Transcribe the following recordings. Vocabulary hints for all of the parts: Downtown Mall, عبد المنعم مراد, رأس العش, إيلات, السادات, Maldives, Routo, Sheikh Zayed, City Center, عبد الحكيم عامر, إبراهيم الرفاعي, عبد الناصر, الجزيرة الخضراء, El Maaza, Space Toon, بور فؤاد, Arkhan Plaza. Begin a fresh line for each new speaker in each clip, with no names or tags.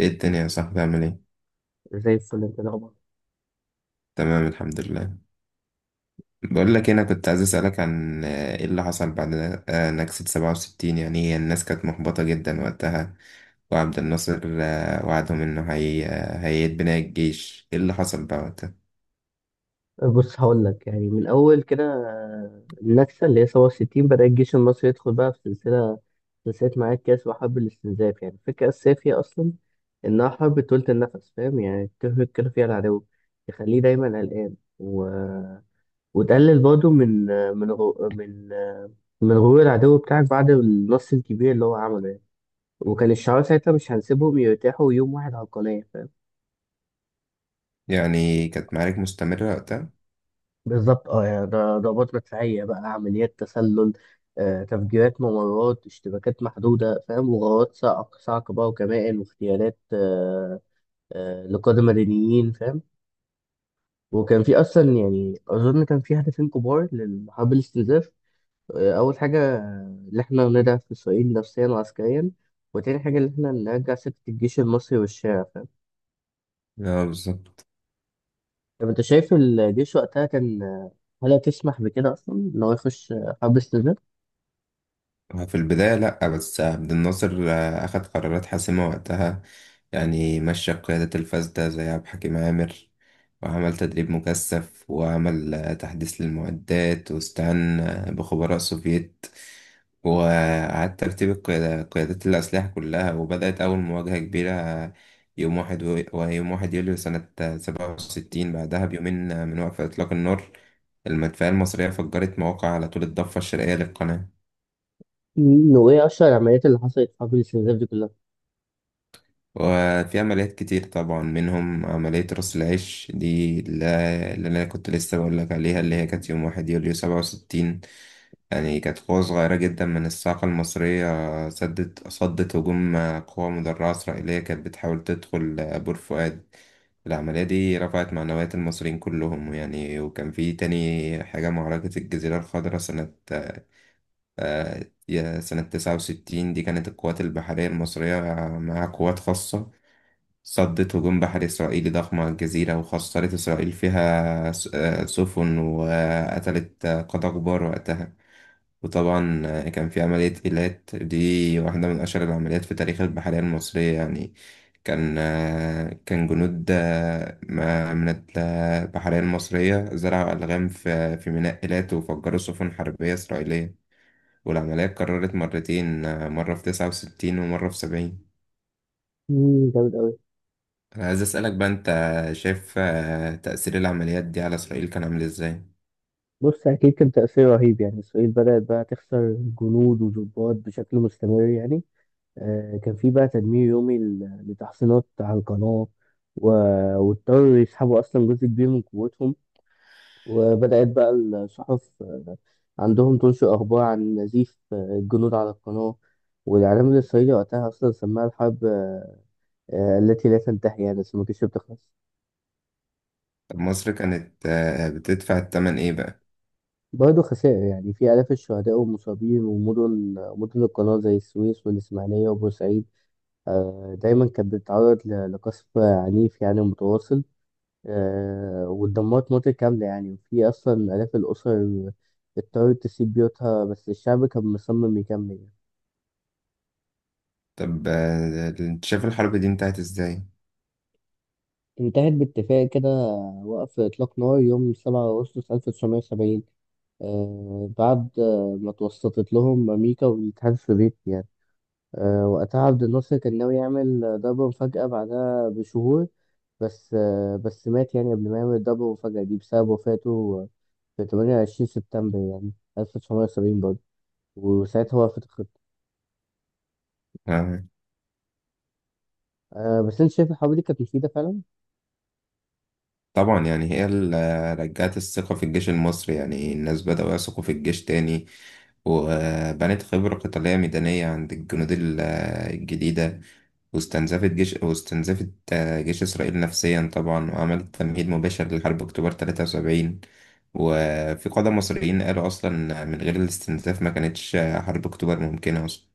ايه الدنيا يا صاحبي عامل ايه؟
زي الفل، انت الاخبار؟
تمام، الحمد لله. بقول لك إيه، انا كنت عايز اسألك عن ايه اللي حصل بعد نكسة 67. يعني هي الناس كانت محبطة جدا وقتها، وعبد الناصر وعدهم انه هي هيعيد بناء الجيش. ايه اللي حصل بقى وقتها؟
بص، هقول لك يعني من اول كده، النكسه اللي هي 67 بدا الجيش المصري يدخل بقى في سلسله معاك كاس وحرب الاستنزاف. يعني الفكره الاساسيه فيها اصلا انها حرب طولة النفس، فاهم؟ يعني تهلك كده فيها العدو، تخليه دايما قلقان وتقلل برضه من غرور العدو بتاعك بعد النص الكبير اللي هو عمله يعني. وكان الشعار ساعتها: مش هنسيبهم يرتاحوا يوم واحد على القناه.
يعني كانت معارك مستمرة وقتها؟
بالظبط، اه، يعني ده ضربات مدفعية بقى، عمليات تسلل، تفجيرات ممرات، اشتباكات محدودة، فاهم، وغارات صاع صاع كبار، وكمائن، واغتيالات لقادة مدنيين، فاهم. وكان في أصلا، يعني أظن كان في هدفين كبار لحرب الاستنزاف. أول حاجة، إن إحنا نضعف إسرائيل نفسيا وعسكريا، وتاني حاجة إن إحنا نرجع سكة الجيش المصري والشارع، فاهم.
اه، بالظبط.
طب أنت شايف الجيش وقتها كان، هل تسمح بكده أصلا إن هو يخش حرب استنزاف؟
في البداية لأ، بس عبد الناصر أخد قرارات حاسمة وقتها. يعني مشى قيادة الفاسدة زي عبد الحكيم عامر، وعمل تدريب مكثف، وعمل تحديث للمعدات، واستعان بخبراء سوفييت، وإعادة ترتيب قيادات الأسلحة كلها. وبدأت أول مواجهة كبيرة، ويوم واحد يوليو سنة 67. بعدها بيومين من وقف إطلاق النار، المدفعية المصرية فجرت مواقع على طول الضفة الشرقية للقناة.
مم، وايه اشهر العمليات اللي حصلت حرب الاستنزاف دي كلها؟
وفي عمليات كتير طبعا منهم عملية رأس العش دي، اللي أنا كنت لسه بقولك عليها، اللي هي كانت يوم واحد يوليو 67. يعني كانت قوة صغيرة جدا من الساقة المصرية، صدت هجوم قوة مدرعة إسرائيلية كانت بتحاول تدخل بور فؤاد. العملية دي رفعت معنويات المصريين كلهم يعني. وكان في تاني حاجة، معركة الجزيرة الخضراء سنة آه، يا سنة 69. دي كانت القوات البحرية المصرية مع قوات خاصة، صدت هجوم بحري إسرائيلي ضخم على الجزيرة، وخسرت إسرائيل فيها سفن، وقتلت قادة كبار وقتها. وطبعا كان في عملية إيلات. دي واحدة من أشهر العمليات في تاريخ البحرية المصرية يعني. كان جنود من البحرية المصرية زرعوا ألغام في ميناء إيلات وفجروا سفن حربية إسرائيلية. والعملية اتكررت مرتين، مرة في 69 ومرة في 70.
مم، جامد قوي.
أنا عايز أسألك بقى، أنت شايف تأثير العمليات دي على إسرائيل كان عامل إزاي؟
بص، اكيد كان تاثير رهيب، يعني اسرائيل بدات بقى تخسر جنود وضباط بشكل مستمر يعني. آه، كان في بقى تدمير يومي لتحصينات على القناه، و- واضطروا يسحبوا اصلا جزء كبير من قوتهم. وبدات بقى الصحف عندهم تنشر اخبار عن نزيف الجنود على القناه، والاعلام الاسرائيلي وقتها اصلا سماها الحرب التي لا تنتهي، يعني بس ما كانتش بتخلص.
طب مصر كانت بتدفع الثمن إيه بقى؟
برضه خسائر، يعني في آلاف الشهداء والمصابين، ومدن القناة زي السويس والإسماعيلية وبورسعيد، دايما كانت بتتعرض لقصف عنيف يعني متواصل. واتدمرت مناطق كاملة يعني، وفي أصلا آلاف الأسر اضطرت تسيب بيوتها، بس الشعب كان مصمم يكمل يعني.
طب أنت شايف الحرب دي انتهت إزاي؟
انتهت باتفاق كده، وقف إطلاق نار يوم 7 أغسطس 1970، بعد ما توسطت لهم أمريكا والاتحاد السوفيتي يعني. وقتها عبد الناصر كان ناوي يعمل ضربة مفاجأة بعدها بشهور، بس مات يعني قبل ما يعمل الضربة المفاجأة دي، بسبب وفاته في 28 سبتمبر يعني، 1970 برضه، وساعتها وقفت الخطة.
آه،
بس أنت شايف الحرب دي كانت مفيدة فعلا؟
طبعا، يعني هي اللي رجعت الثقة في الجيش المصري. يعني الناس بدأوا يثقوا في الجيش تاني، وبنت خبرة قتالية ميدانية عند الجنود الجديدة، واستنزفت جيش إسرائيل نفسيا طبعا، وعملت تمهيد مباشر لحرب أكتوبر 73. وفي قادة مصريين قالوا أصلا من غير الاستنزاف ما كانتش حرب أكتوبر ممكنة أصلا.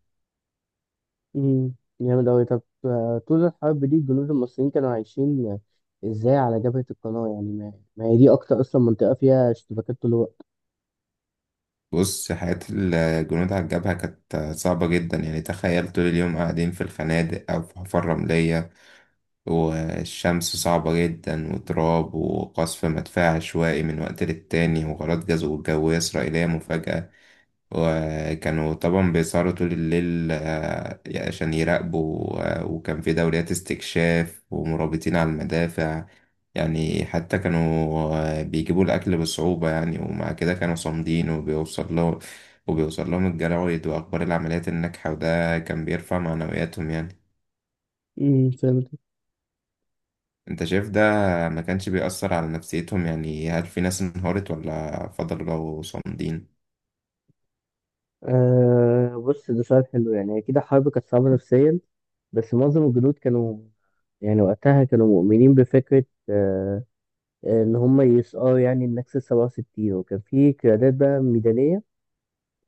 مم، جامد أوي. طب طول الحرب دي الجنود المصريين كانوا عايشين إزاي على جبهة القناة؟ يعني ما هي دي أكتر أصلا منطقة فيها اشتباكات طول الوقت.
بص، حياة الجنود على الجبهة كانت صعبة جدا. يعني تخيل طول اليوم قاعدين في الخنادق أو في حفر رملية، والشمس صعبة جدا، وتراب، وقصف مدفع عشوائي من وقت للتاني، وغارات جوية إسرائيلية مفاجئة. وكانوا طبعا بيسهروا طول الليل عشان يراقبوا، وكان في دوريات استكشاف ومرابطين على المدافع. يعني حتى كانوا بيجيبوا الأكل بصعوبة يعني. ومع كده كانوا صامدين، وبيوصل لهم الجرايد وأخبار العمليات الناجحة، وده كان بيرفع معنوياتهم يعني.
امم، فهمت.
انت شايف ده ما كانش بيأثر على نفسيتهم؟ يعني هل في ناس انهارت ولا فضلوا صامدين؟
أه، بص، ده سؤال حلو. يعني أكيد الحرب كانت صعبة نفسيا، بس معظم الجنود كانوا، يعني وقتها كانوا مؤمنين بفكرة أه، إن هم يسقوا يعني النكسة 67. وكان في قيادات بقى ميدانية،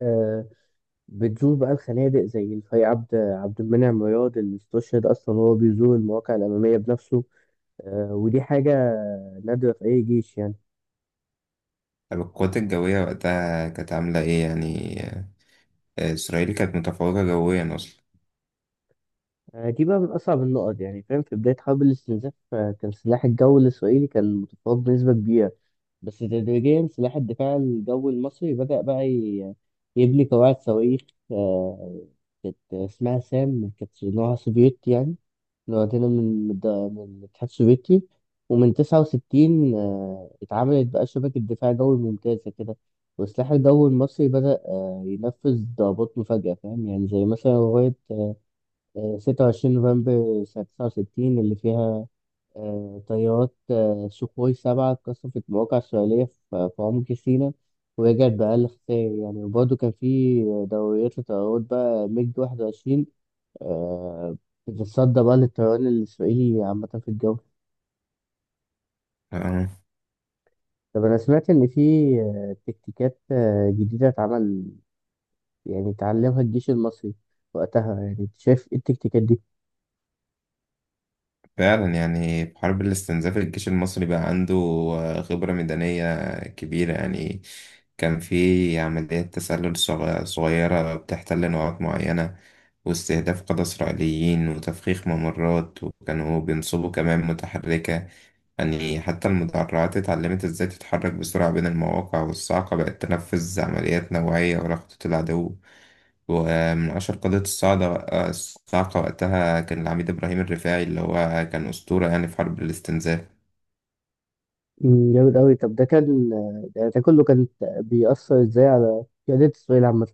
أه، بتزور بقى الخنادق، زي الفاي عبد المنعم مراد، اللي استشهد أصلا وهو بيزور المواقع الأمامية بنفسه. أه، ودي حاجة نادرة في أي جيش يعني.
طب القوات الجوية وقتها كانت عاملة ايه يعني؟ إسرائيل كانت متفوقة جويا أصلا.
أه، دي بقى من أصعب النقط يعني، فاهم. في بداية حرب الاستنزاف، كان سلاح الجو الإسرائيلي كان متفوق بنسبة كبيرة، بس تدريجيا سلاح الدفاع الجوي المصري بدأ بقى يبني قواعد صواريخ، آه، كانت اسمها سام، كانت نوعها سوفيتي يعني، لوحدنا من الاتحاد السوفيتي. ومن تسعة وستين، اتعملت بقى شبكة دفاع جوي ممتازة كده، والسلاح الجوي المصري بدأ ينفذ ضربات مفاجئة، فاهم يعني، زي مثلا لغاية ستة وعشرين نوفمبر سنة تسعة وستين، اللي فيها طيارات سوخوي سبعة اتقصفت مواقع إسرائيلية في في عمق سيناء، ورجعت بأقل خسائر يعني. وبرضه كان في دوريات لطيارات بقى ميج واحد وعشرين، آه، بتتصدى بقى للطيران الإسرائيلي عامة في الجو.
آه،
طب أنا سمعت إن في تكتيكات جديدة اتعمل، يعني اتعلمها الجيش المصري وقتها، يعني أنت شايف إيه التكتيكات دي؟
فعلا، يعني في حرب الاستنزاف الجيش المصري بقى عنده خبرة ميدانية كبيرة يعني. كان في عمليات تسلل صغيرة بتحتل نقاط معينة، واستهداف قادة إسرائيليين، وتفخيخ ممرات، وكانوا بينصبوا كمان متحركة. يعني حتى المدرعات اتعلمت ازاي تتحرك بسرعة بين المواقع، والصاعقة بقت تنفذ عمليات نوعية ورا خطوط العدو. ومن أشهر قضية الصعقة، وقتها كان العميد إبراهيم الرفاعي، اللي هو كان أسطورة يعني في حرب الاستنزاف.
مم، جامد أوي. طب ده كان، ده كله كان بيأثر إزاي على قيادات إسرائيل عامة؟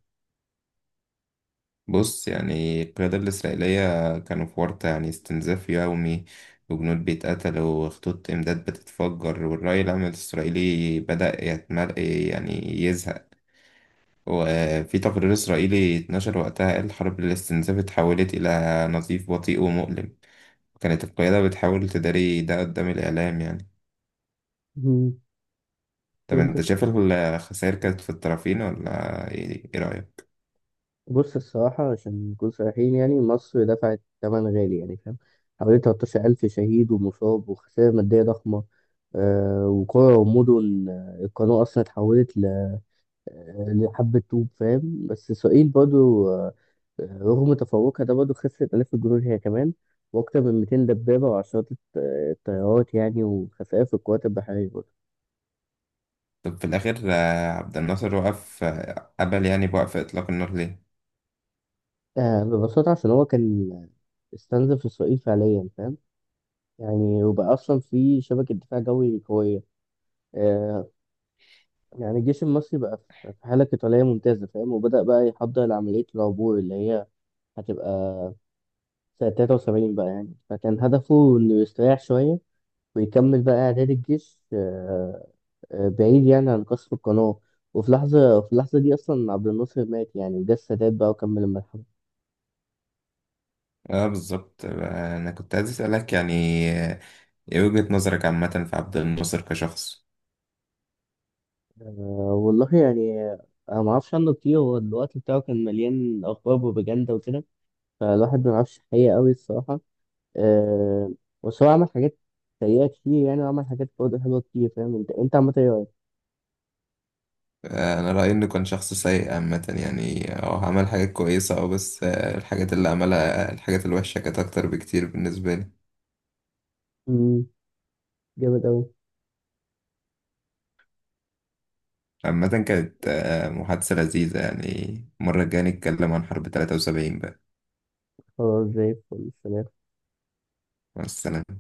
بص، يعني القيادة الإسرائيلية كانوا في ورطة، يعني استنزاف يومي، وجنود بيتقتلوا، وخطوط إمداد بتتفجر، والرأي العام الإسرائيلي بدأ يتمل يعني يزهق. وفي تقرير إسرائيلي اتنشر وقتها قال: حرب الاستنزاف اتحولت إلى نزيف بطيء ومؤلم. وكانت القيادة بتحاول تداري ده قدام الإعلام يعني.
مم،
طب انت
فهمت.
شايف الخسائر كانت في الطرفين ولا إيه رأيك؟
بص، الصراحة، عشان نكون صريحين، يعني مصر دفعت ثمن غالي يعني، فاهم، حوالي 13,000 شهيد ومصاب وخسائر مادية ضخمة. آه، وقرى ومدن القناة أصلا اتحولت لحبة طوب، فاهم. بس إسرائيل برضو، رغم تفوقها ده، برضه خسرت آلاف الجنود هي كمان، وأكتر من 200 دبابة وعشرات الطيارات يعني، وخسائر في القوات البحرية برضه.
طب في الآخر عبد الناصر وقف قبل، يعني، بوقف إطلاق النار، ليه؟
آه، ببساطة عشان هو كان استنزف إسرائيل فعليا، فاهم، يعني وبقى أصلا في شبكة دفاع جوي قوية، آه، يعني الجيش المصري بقى في في حالة قتالية ممتازة، فاهم، وبدأ بقى يحضر لعملية العبور اللي هي هتبقى سنة 73 بقى يعني. فكان هدفه إنه يستريح شوية ويكمل بقى إعداد الجيش، بعيد يعني عن قصف القناة. وفي لحظة، في اللحظة دي أصلا عبد الناصر مات يعني، وجه السادات بقى وكمل المرحلة.
اه، بالظبط. أنا كنت عايز أسألك، يعني آه، ايه وجهة نظرك عامة في عبد الناصر كشخص؟
والله يعني، أنا معرفش عنه كتير. هو الوقت بتاعه كان مليان أخبار وبروباجندا وكده، فالواحد ما يعرفش الحقيقة أوي، الصراحة. أه، بس هو عمل حاجات سيئة كتير يعني، وعمل حاجات برضه حلوة كتير، فاهم. أنت عملت إيه رأيك؟
أنا رأيي إنه كان شخص سيء عامة. يعني عمل حاجات كويسة، بس الحاجات اللي عملها، الحاجات الوحشة كانت أكتر بكتير بالنسبة لي.
أمم، جامد أوي.
عامة كانت محادثة لذيذة يعني. المرة الجاية نتكلم عن حرب 73 بقى.
خلاص، زي الفل، سلام.
مع السلامة.